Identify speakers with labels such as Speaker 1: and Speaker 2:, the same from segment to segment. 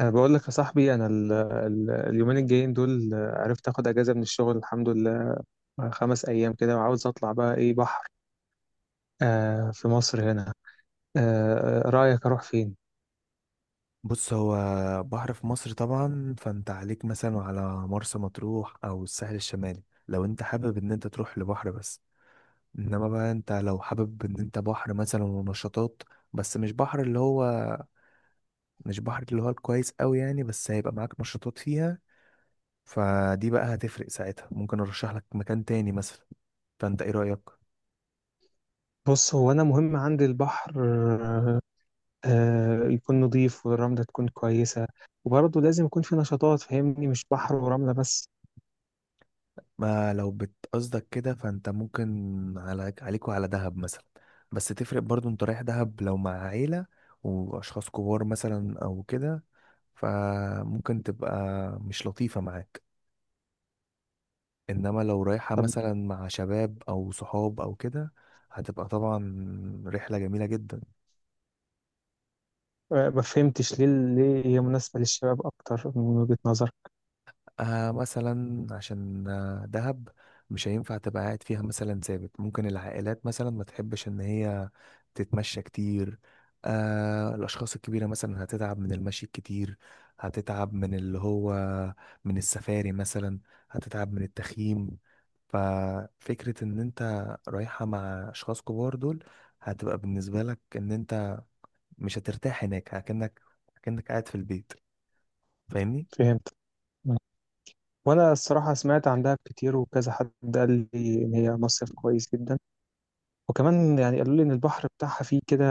Speaker 1: أنا بقول لك يا صاحبي، أنا ال ال اليومين الجايين دول عرفت آخد أجازة من الشغل، الحمد لله. 5 أيام كده، وعاوز أطلع بقى، إيه، بحر. في مصر هنا. رأيك أروح فين؟
Speaker 2: بص هو بحر في مصر طبعا، فانت عليك مثلا على مرسى مطروح او الساحل الشمالي لو انت حابب ان انت تروح لبحر بس. انما بقى انت لو حابب ان انت بحر مثلا ونشاطات، بس مش بحر اللي هو الكويس قوي يعني، بس هيبقى معاك نشاطات فيها. فدي بقى هتفرق ساعتها، ممكن ارشح لك مكان تاني مثلا. فانت ايه رأيك؟
Speaker 1: بص، هو أنا مهم عندي البحر. آه يكون نظيف، والرملة تكون كويسة، وبرضه لازم يكون في نشاطات، فاهمني، مش بحر ورملة بس.
Speaker 2: ما لو بتقصدك كده فانت ممكن عليك وعلى دهب مثلا. بس تفرق برضو، انت رايح دهب لو مع عيلة واشخاص كبار مثلا او كده، فممكن تبقى مش لطيفة معاك. انما لو رايحة
Speaker 1: طب،
Speaker 2: مثلا مع شباب او صحاب او كده، هتبقى طبعا رحلة جميلة جدا.
Speaker 1: ما فهمتش ليه، ليه هي مناسبة للشباب أكتر من وجهة نظر؟
Speaker 2: آه مثلا عشان دهب مش هينفع تبقى قاعد فيها مثلا ثابت، ممكن العائلات مثلا ما تحبش ان هي تتمشى كتير. آه الاشخاص الكبيره مثلا هتتعب من المشي الكتير، هتتعب من اللي هو من السفاري مثلا، هتتعب من التخييم. ففكره ان انت رايحه مع اشخاص كبار دول، هتبقى بالنسبه لك ان انت مش هترتاح هناك، كأنك قاعد في البيت. فاهمني؟
Speaker 1: فهمت. وانا الصراحه سمعت عن دهب كتير، وكذا حد قال لي ان هي مصيف كويس جدا، وكمان يعني قالوا لي ان البحر بتاعها فيه كده،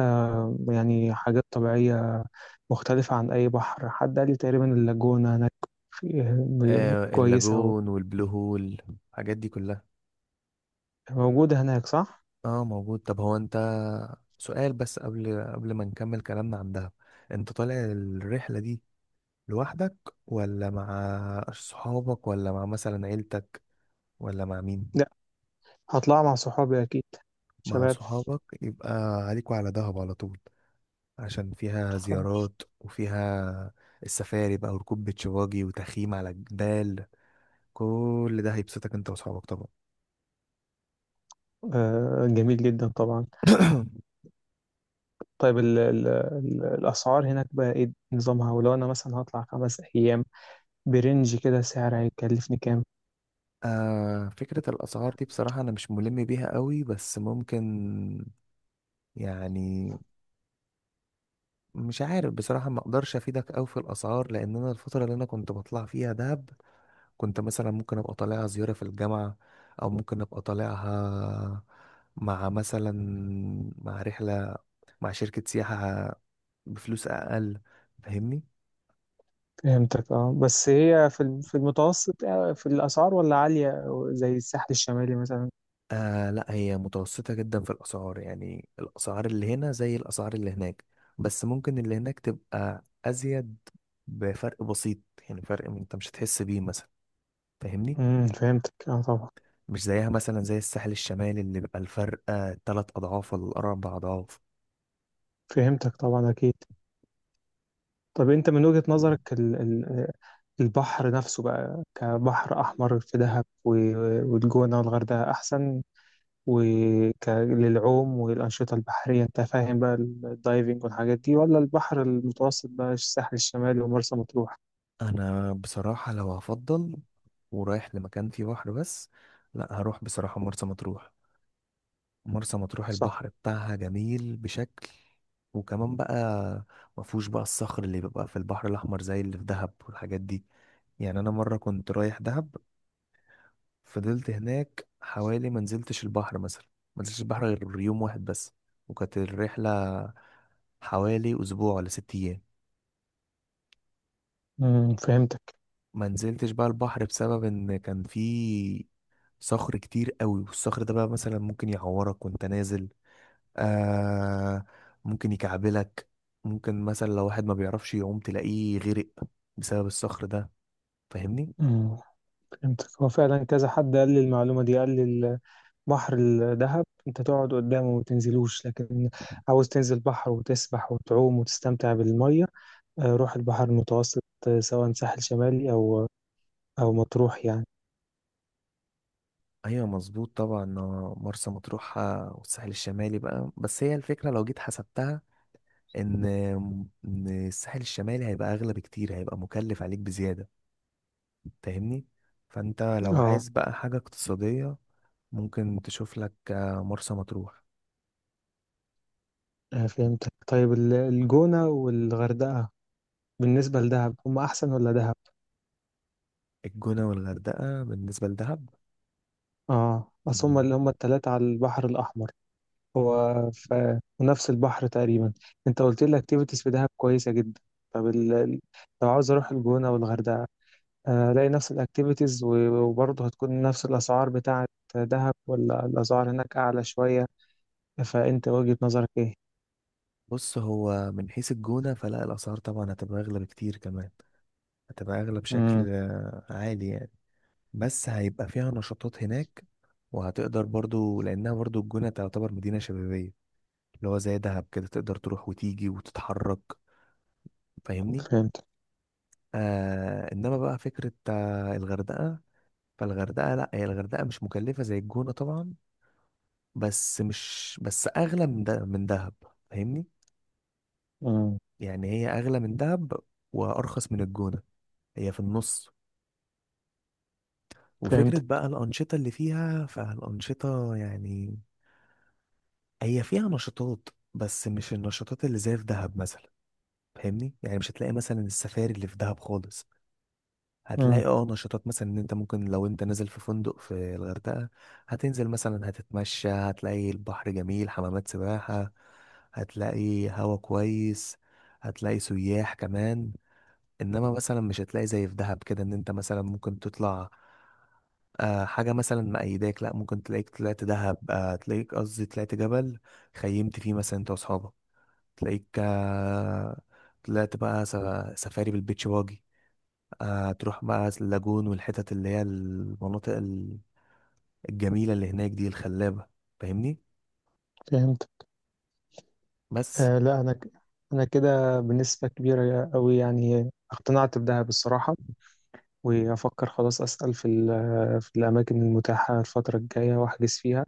Speaker 1: يعني حاجات طبيعيه مختلفه عن اي بحر. حد قال لي تقريبا اللاجونه هناك
Speaker 2: آه
Speaker 1: كويسه،
Speaker 2: اللاجون والبلو هول، الحاجات دي كلها.
Speaker 1: وموجوده هناك، صح؟
Speaker 2: اه موجود. طب هو انت سؤال بس قبل ما نكمل كلامنا عن دهب، انت طالع الرحلة دي لوحدك ولا مع صحابك ولا مع مثلا عيلتك ولا مع مين؟
Speaker 1: لا، هطلع مع صحابي اكيد،
Speaker 2: مع
Speaker 1: شباب.
Speaker 2: صحابك يبقى عليكوا على دهب على طول، عشان فيها
Speaker 1: خلاص.
Speaker 2: زيارات وفيها السفاري بقى وركوب بيتش باجي وتخييم على الجبال، كل ده هيبسطك انت وصحابك طبعا.
Speaker 1: آه جميل جدا طبعا. طيب، ال ال ال الاسعار هناك بقى ايه نظامها؟ ولو انا مثلا هطلع 5 ايام برنج كده، سعر هيكلفني كام؟
Speaker 2: آه فكرة الأسعار دي بصراحة أنا مش ملم بيها قوي، بس ممكن، يعني، مش عارف بصراحة، ما أقدرش أفيدك أوي في الأسعار، لأن أنا الفترة اللي أنا كنت بطلع فيها دهب كنت مثلا ممكن أبقى طالعها زيارة في الجامعة، أو ممكن أبقى طالعها مع مثلا، مع رحلة، مع شركة سياحة بفلوس أقل. فاهمني؟
Speaker 1: فهمتك، اه. بس هي في في المتوسط في الأسعار، ولا عالية زي الساحل الشمالي مثلا؟
Speaker 2: آه لا، هي متوسطة جدا في الأسعار، يعني الأسعار اللي هنا زي الأسعار اللي هناك، بس ممكن اللي هناك تبقى أزيد بفرق بسيط. يعني فرق أنت مش هتحس بيه مثلا. فاهمني؟
Speaker 1: فهمتك، اه، طبعا.
Speaker 2: مش زيها مثلا زي الساحل الشمالي اللي بيبقى الفرق 3 أضعاف ولا 4 أضعاف.
Speaker 1: فهمتك، طبعا، أكيد. طب أنت من وجهة نظرك، ال ال البحر نفسه بقى، كبحر أحمر، في دهب والجونة والغردقة أحسن، للعوم والأنشطة البحرية، أنت فاهم بقى، الدايفنج والحاجات دي، ولا البحر المتوسط بقى، الساحل الشمالي ومرسى مطروح؟
Speaker 2: أنا بصراحة لو هفضل ورايح لمكان فيه بحر بس، لا هروح بصراحة مرسى مطروح. مرسى مطروح
Speaker 1: صح.
Speaker 2: البحر بتاعها جميل بشكل، وكمان بقى ما فيهوش بقى الصخر اللي بيبقى في البحر الاحمر زي اللي في دهب والحاجات دي. يعني انا مره كنت رايح دهب، فضلت هناك حوالي، ما نزلتش البحر مثلا، ما نزلتش البحر غير يوم واحد بس، وكانت الرحله حوالي اسبوع ولا 6 ايام.
Speaker 1: فهمتك.
Speaker 2: ما نزلتش بقى البحر بسبب ان كان في صخر كتير قوي، والصخر ده بقى مثلا ممكن يعورك وانت نازل. آه ممكن يكعبلك، ممكن مثلا لو واحد ما بيعرفش يعوم تلاقيه غرق بسبب الصخر ده. فاهمني؟
Speaker 1: مم. فهمتك. هو فعلا كذا حد قال لي المعلومة دي، قال لي البحر الدهب انت تقعد قدامه وما تنزلوش، لكن عاوز تنزل بحر وتسبح وتعوم وتستمتع بالمية، روح البحر المتوسط، سواء ساحل شمالي او مطروح يعني.
Speaker 2: ايوه مظبوط طبعا، مرسى مطروح والساحل الشمالي بقى. بس هي الفكره لو جيت حسبتها ان ان الساحل الشمالي هيبقى اغلى بكتير، هيبقى مكلف عليك بزياده. فاهمني؟ فانت لو
Speaker 1: اه،
Speaker 2: عايز بقى حاجه اقتصاديه، ممكن تشوف لك مرسى مطروح.
Speaker 1: فهمتك. طيب، الجونة والغردقة بالنسبة لدهب هم احسن ولا دهب؟
Speaker 2: الجونه والغردقه بالنسبه
Speaker 1: اه، اصل هم
Speaker 2: لدهب،
Speaker 1: اللي هم التلاتة على البحر الاحمر، هو في نفس البحر تقريبا. انت قلت لي الاكتيفيتيز في دهب كويسه جدا. طب ال... لو عاوز اروح الجونه او الغردقه، الاقي نفس الاكتيفيتيز، وبرضه هتكون نفس الاسعار بتاعه دهب، ولا الاسعار هناك اعلى شويه؟ فانت وجهه نظرك ايه؟
Speaker 2: بص هو من حيث الجونة فلا الأسعار طبعا هتبقى أغلى بكتير كمان، هتبقى أغلى
Speaker 1: امم
Speaker 2: بشكل عالي يعني. بس هيبقى فيها نشاطات هناك، وهتقدر برضو لأنها برضو الجونة تعتبر مدينة شبابية، اللي هو زي دهب كده تقدر تروح وتيجي وتتحرك. فاهمني؟
Speaker 1: فهمت.
Speaker 2: آه إنما بقى فكرة الغردقة، فالغردقة لا، هي الغردقة مش مكلفة زي الجونة طبعا، بس مش بس أغلى من دهب. فاهمني؟
Speaker 1: امم
Speaker 2: يعني هي أغلى من دهب وأرخص من الجونة، هي في النص.
Speaker 1: فهمت.
Speaker 2: وفكرة بقى الأنشطة اللي فيها، فالأنشطة يعني هي فيها نشاطات بس مش النشاطات اللي زي في دهب مثلا. فاهمني؟ يعني مش هتلاقي مثلا السفاري اللي في دهب خالص،
Speaker 1: امم
Speaker 2: هتلاقي اه نشاطات مثلا ان انت ممكن لو انت نازل في فندق في الغردقة، هتنزل مثلا، هتتمشى، هتلاقي البحر جميل، حمامات سباحة، هتلاقي هوا كويس، هتلاقي سياح كمان. انما مثلا مش هتلاقي زي في دهب كده، ان انت مثلا ممكن تطلع آه حاجة مثلا مأيداك، لا ممكن تلاقيك طلعت دهب آه تلاقيك قصدي طلعت جبل خيمت فيه مثلا انت واصحابك، تلاقيك آه طلعت بقى سفاري بالبيتش باجي، آه تروح بقى اللاجون والحتت اللي هي المناطق الجميلة اللي هناك دي الخلابة. فاهمني؟
Speaker 1: فهمت.
Speaker 2: بس
Speaker 1: لا، انا ك... انا كده بنسبه كبيره قوي يعني اقتنعت بدهب الصراحه، وافكر خلاص اسال في ال... في الاماكن المتاحه الفتره الجايه واحجز فيها.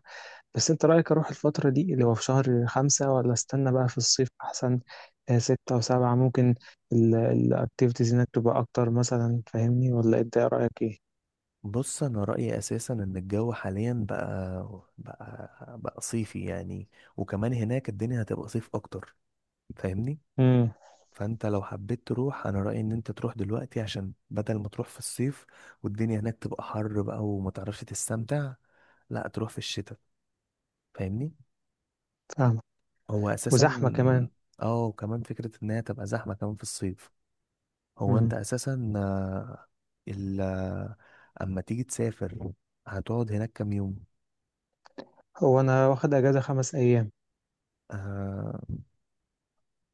Speaker 1: بس انت رأيك اروح الفترة دي اللي هو في شهر 5، ولا استنى بقى في الصيف احسن؟ 6 و7 ممكن الاكتيفيتيز هناك تبقى اكتر مثلا، فاهمني؟ ولا انت ايه رأيك ايه؟
Speaker 2: بص انا رايي اساسا ان الجو حاليا بقى صيفي يعني، وكمان هناك الدنيا هتبقى صيف اكتر. فاهمني؟
Speaker 1: امم
Speaker 2: فانت لو حبيت تروح انا رايي ان انت تروح دلوقتي، عشان بدل ما تروح في الصيف والدنيا هناك تبقى حر بقى وما تعرفش تستمتع، لا تروح في الشتاء. فاهمني؟
Speaker 1: فاهمة.
Speaker 2: هو اساسا،
Speaker 1: وزحمة كمان.
Speaker 2: اه وكمان فكره انها تبقى زحمه كمان في الصيف. هو
Speaker 1: امم
Speaker 2: انت اساسا آه، ال آه، اما تيجي تسافر هتقعد هناك كام يوم؟
Speaker 1: هو انا واخد اجازة 5 ايام.
Speaker 2: آه،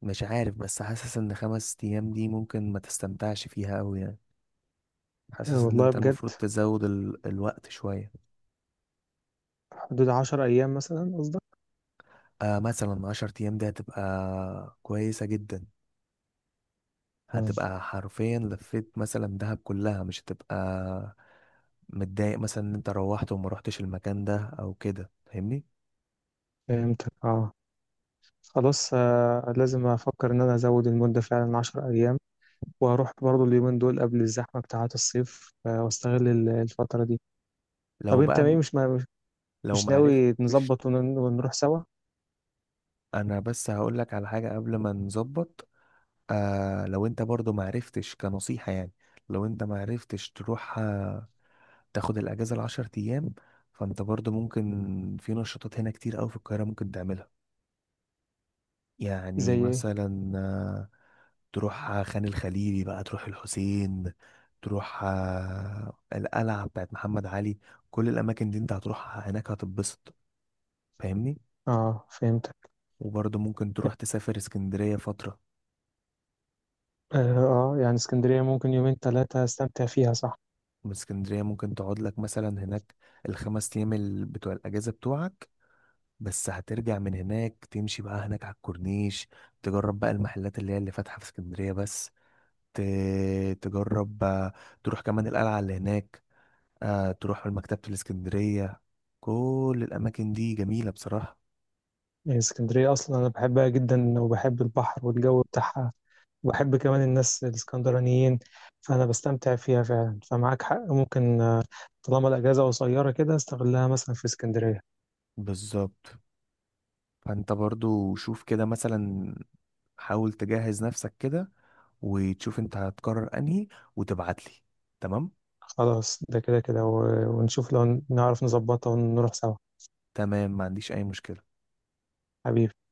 Speaker 2: مش عارف بس حاسس ان 5 ايام دي ممكن ما تستمتعش فيها اوي يعني، حاسس ان
Speaker 1: والله
Speaker 2: انت
Speaker 1: بجد.
Speaker 2: المفروض تزود الوقت شوية.
Speaker 1: حدود 10 ايام مثلا قصدك؟
Speaker 2: آه مثلا 10 ايام دي هتبقى كويسة جدا،
Speaker 1: امم
Speaker 2: هتبقى حرفيا لفيت مثلا دهب كلها، مش هتبقى متضايق مثلا ان انت روحت وما روحتش المكان ده او كده. فاهمني؟
Speaker 1: فهمتك، اه. خلاص، لازم افكر ان انا ازود المدة فعلا 10 ايام، واروح برضو اليومين دول قبل الزحمة بتاعات الصيف، واستغل الفترة دي.
Speaker 2: لو
Speaker 1: طب انت
Speaker 2: بقى
Speaker 1: ايه،
Speaker 2: م- لو
Speaker 1: مش
Speaker 2: ما
Speaker 1: ناوي
Speaker 2: عرفتش،
Speaker 1: نظبط ونروح سوا؟
Speaker 2: انا بس هقول لك على حاجة قبل ما نظبط. آه لو انت برضو ما عرفتش كنصيحة يعني، لو انت ما عرفتش تروح تاخد الاجازه ال10 ايام، فانت برضو ممكن في نشاطات هنا كتير قوي في القاهره ممكن تعملها.
Speaker 1: زي
Speaker 2: يعني
Speaker 1: ايه؟
Speaker 2: مثلا تروح خان الخليلي بقى، تروح الحسين، تروح القلعه بتاعت محمد علي. كل الاماكن دي انت هتروح هناك هتتبسط. فاهمني؟
Speaker 1: اه، فهمتك.
Speaker 2: وبرضو ممكن تروح تسافر اسكندريه فتره.
Speaker 1: اه، يعني اسكندرية ممكن يومين ثلاثة استمتع فيها، صح؟
Speaker 2: من اسكندريه ممكن تقعد لك مثلا هناك ال5 ايام بتوع الاجازه بتوعك، بس هترجع من هناك تمشي بقى هناك على الكورنيش، تجرب بقى المحلات اللي هي اللي فاتحة في اسكندرية بس، ت... تجرب تروح كمان القلعة اللي هناك، تروح مكتبة الاسكندرية. كل الأماكن دي جميلة بصراحة.
Speaker 1: يعني اسكندرية اصلا انا بحبها جدا، وبحب البحر والجو بتاعها، وبحب كمان الناس الاسكندرانيين، فانا بستمتع فيها فعلا. فمعاك حق، ممكن طالما الاجازة قصيرة كده استغلها مثلا في اسكندرية.
Speaker 2: بالظبط، فأنت برضو شوف كده مثلا، حاول تجهز نفسك كده وتشوف انت هتقرر انهي وتبعتلي. تمام؟
Speaker 1: خلاص، ده كده كده ونشوف لو نعرف نظبطها ونروح سوا.
Speaker 2: تمام، ما عنديش أي مشكلة.
Speaker 1: حبيبي.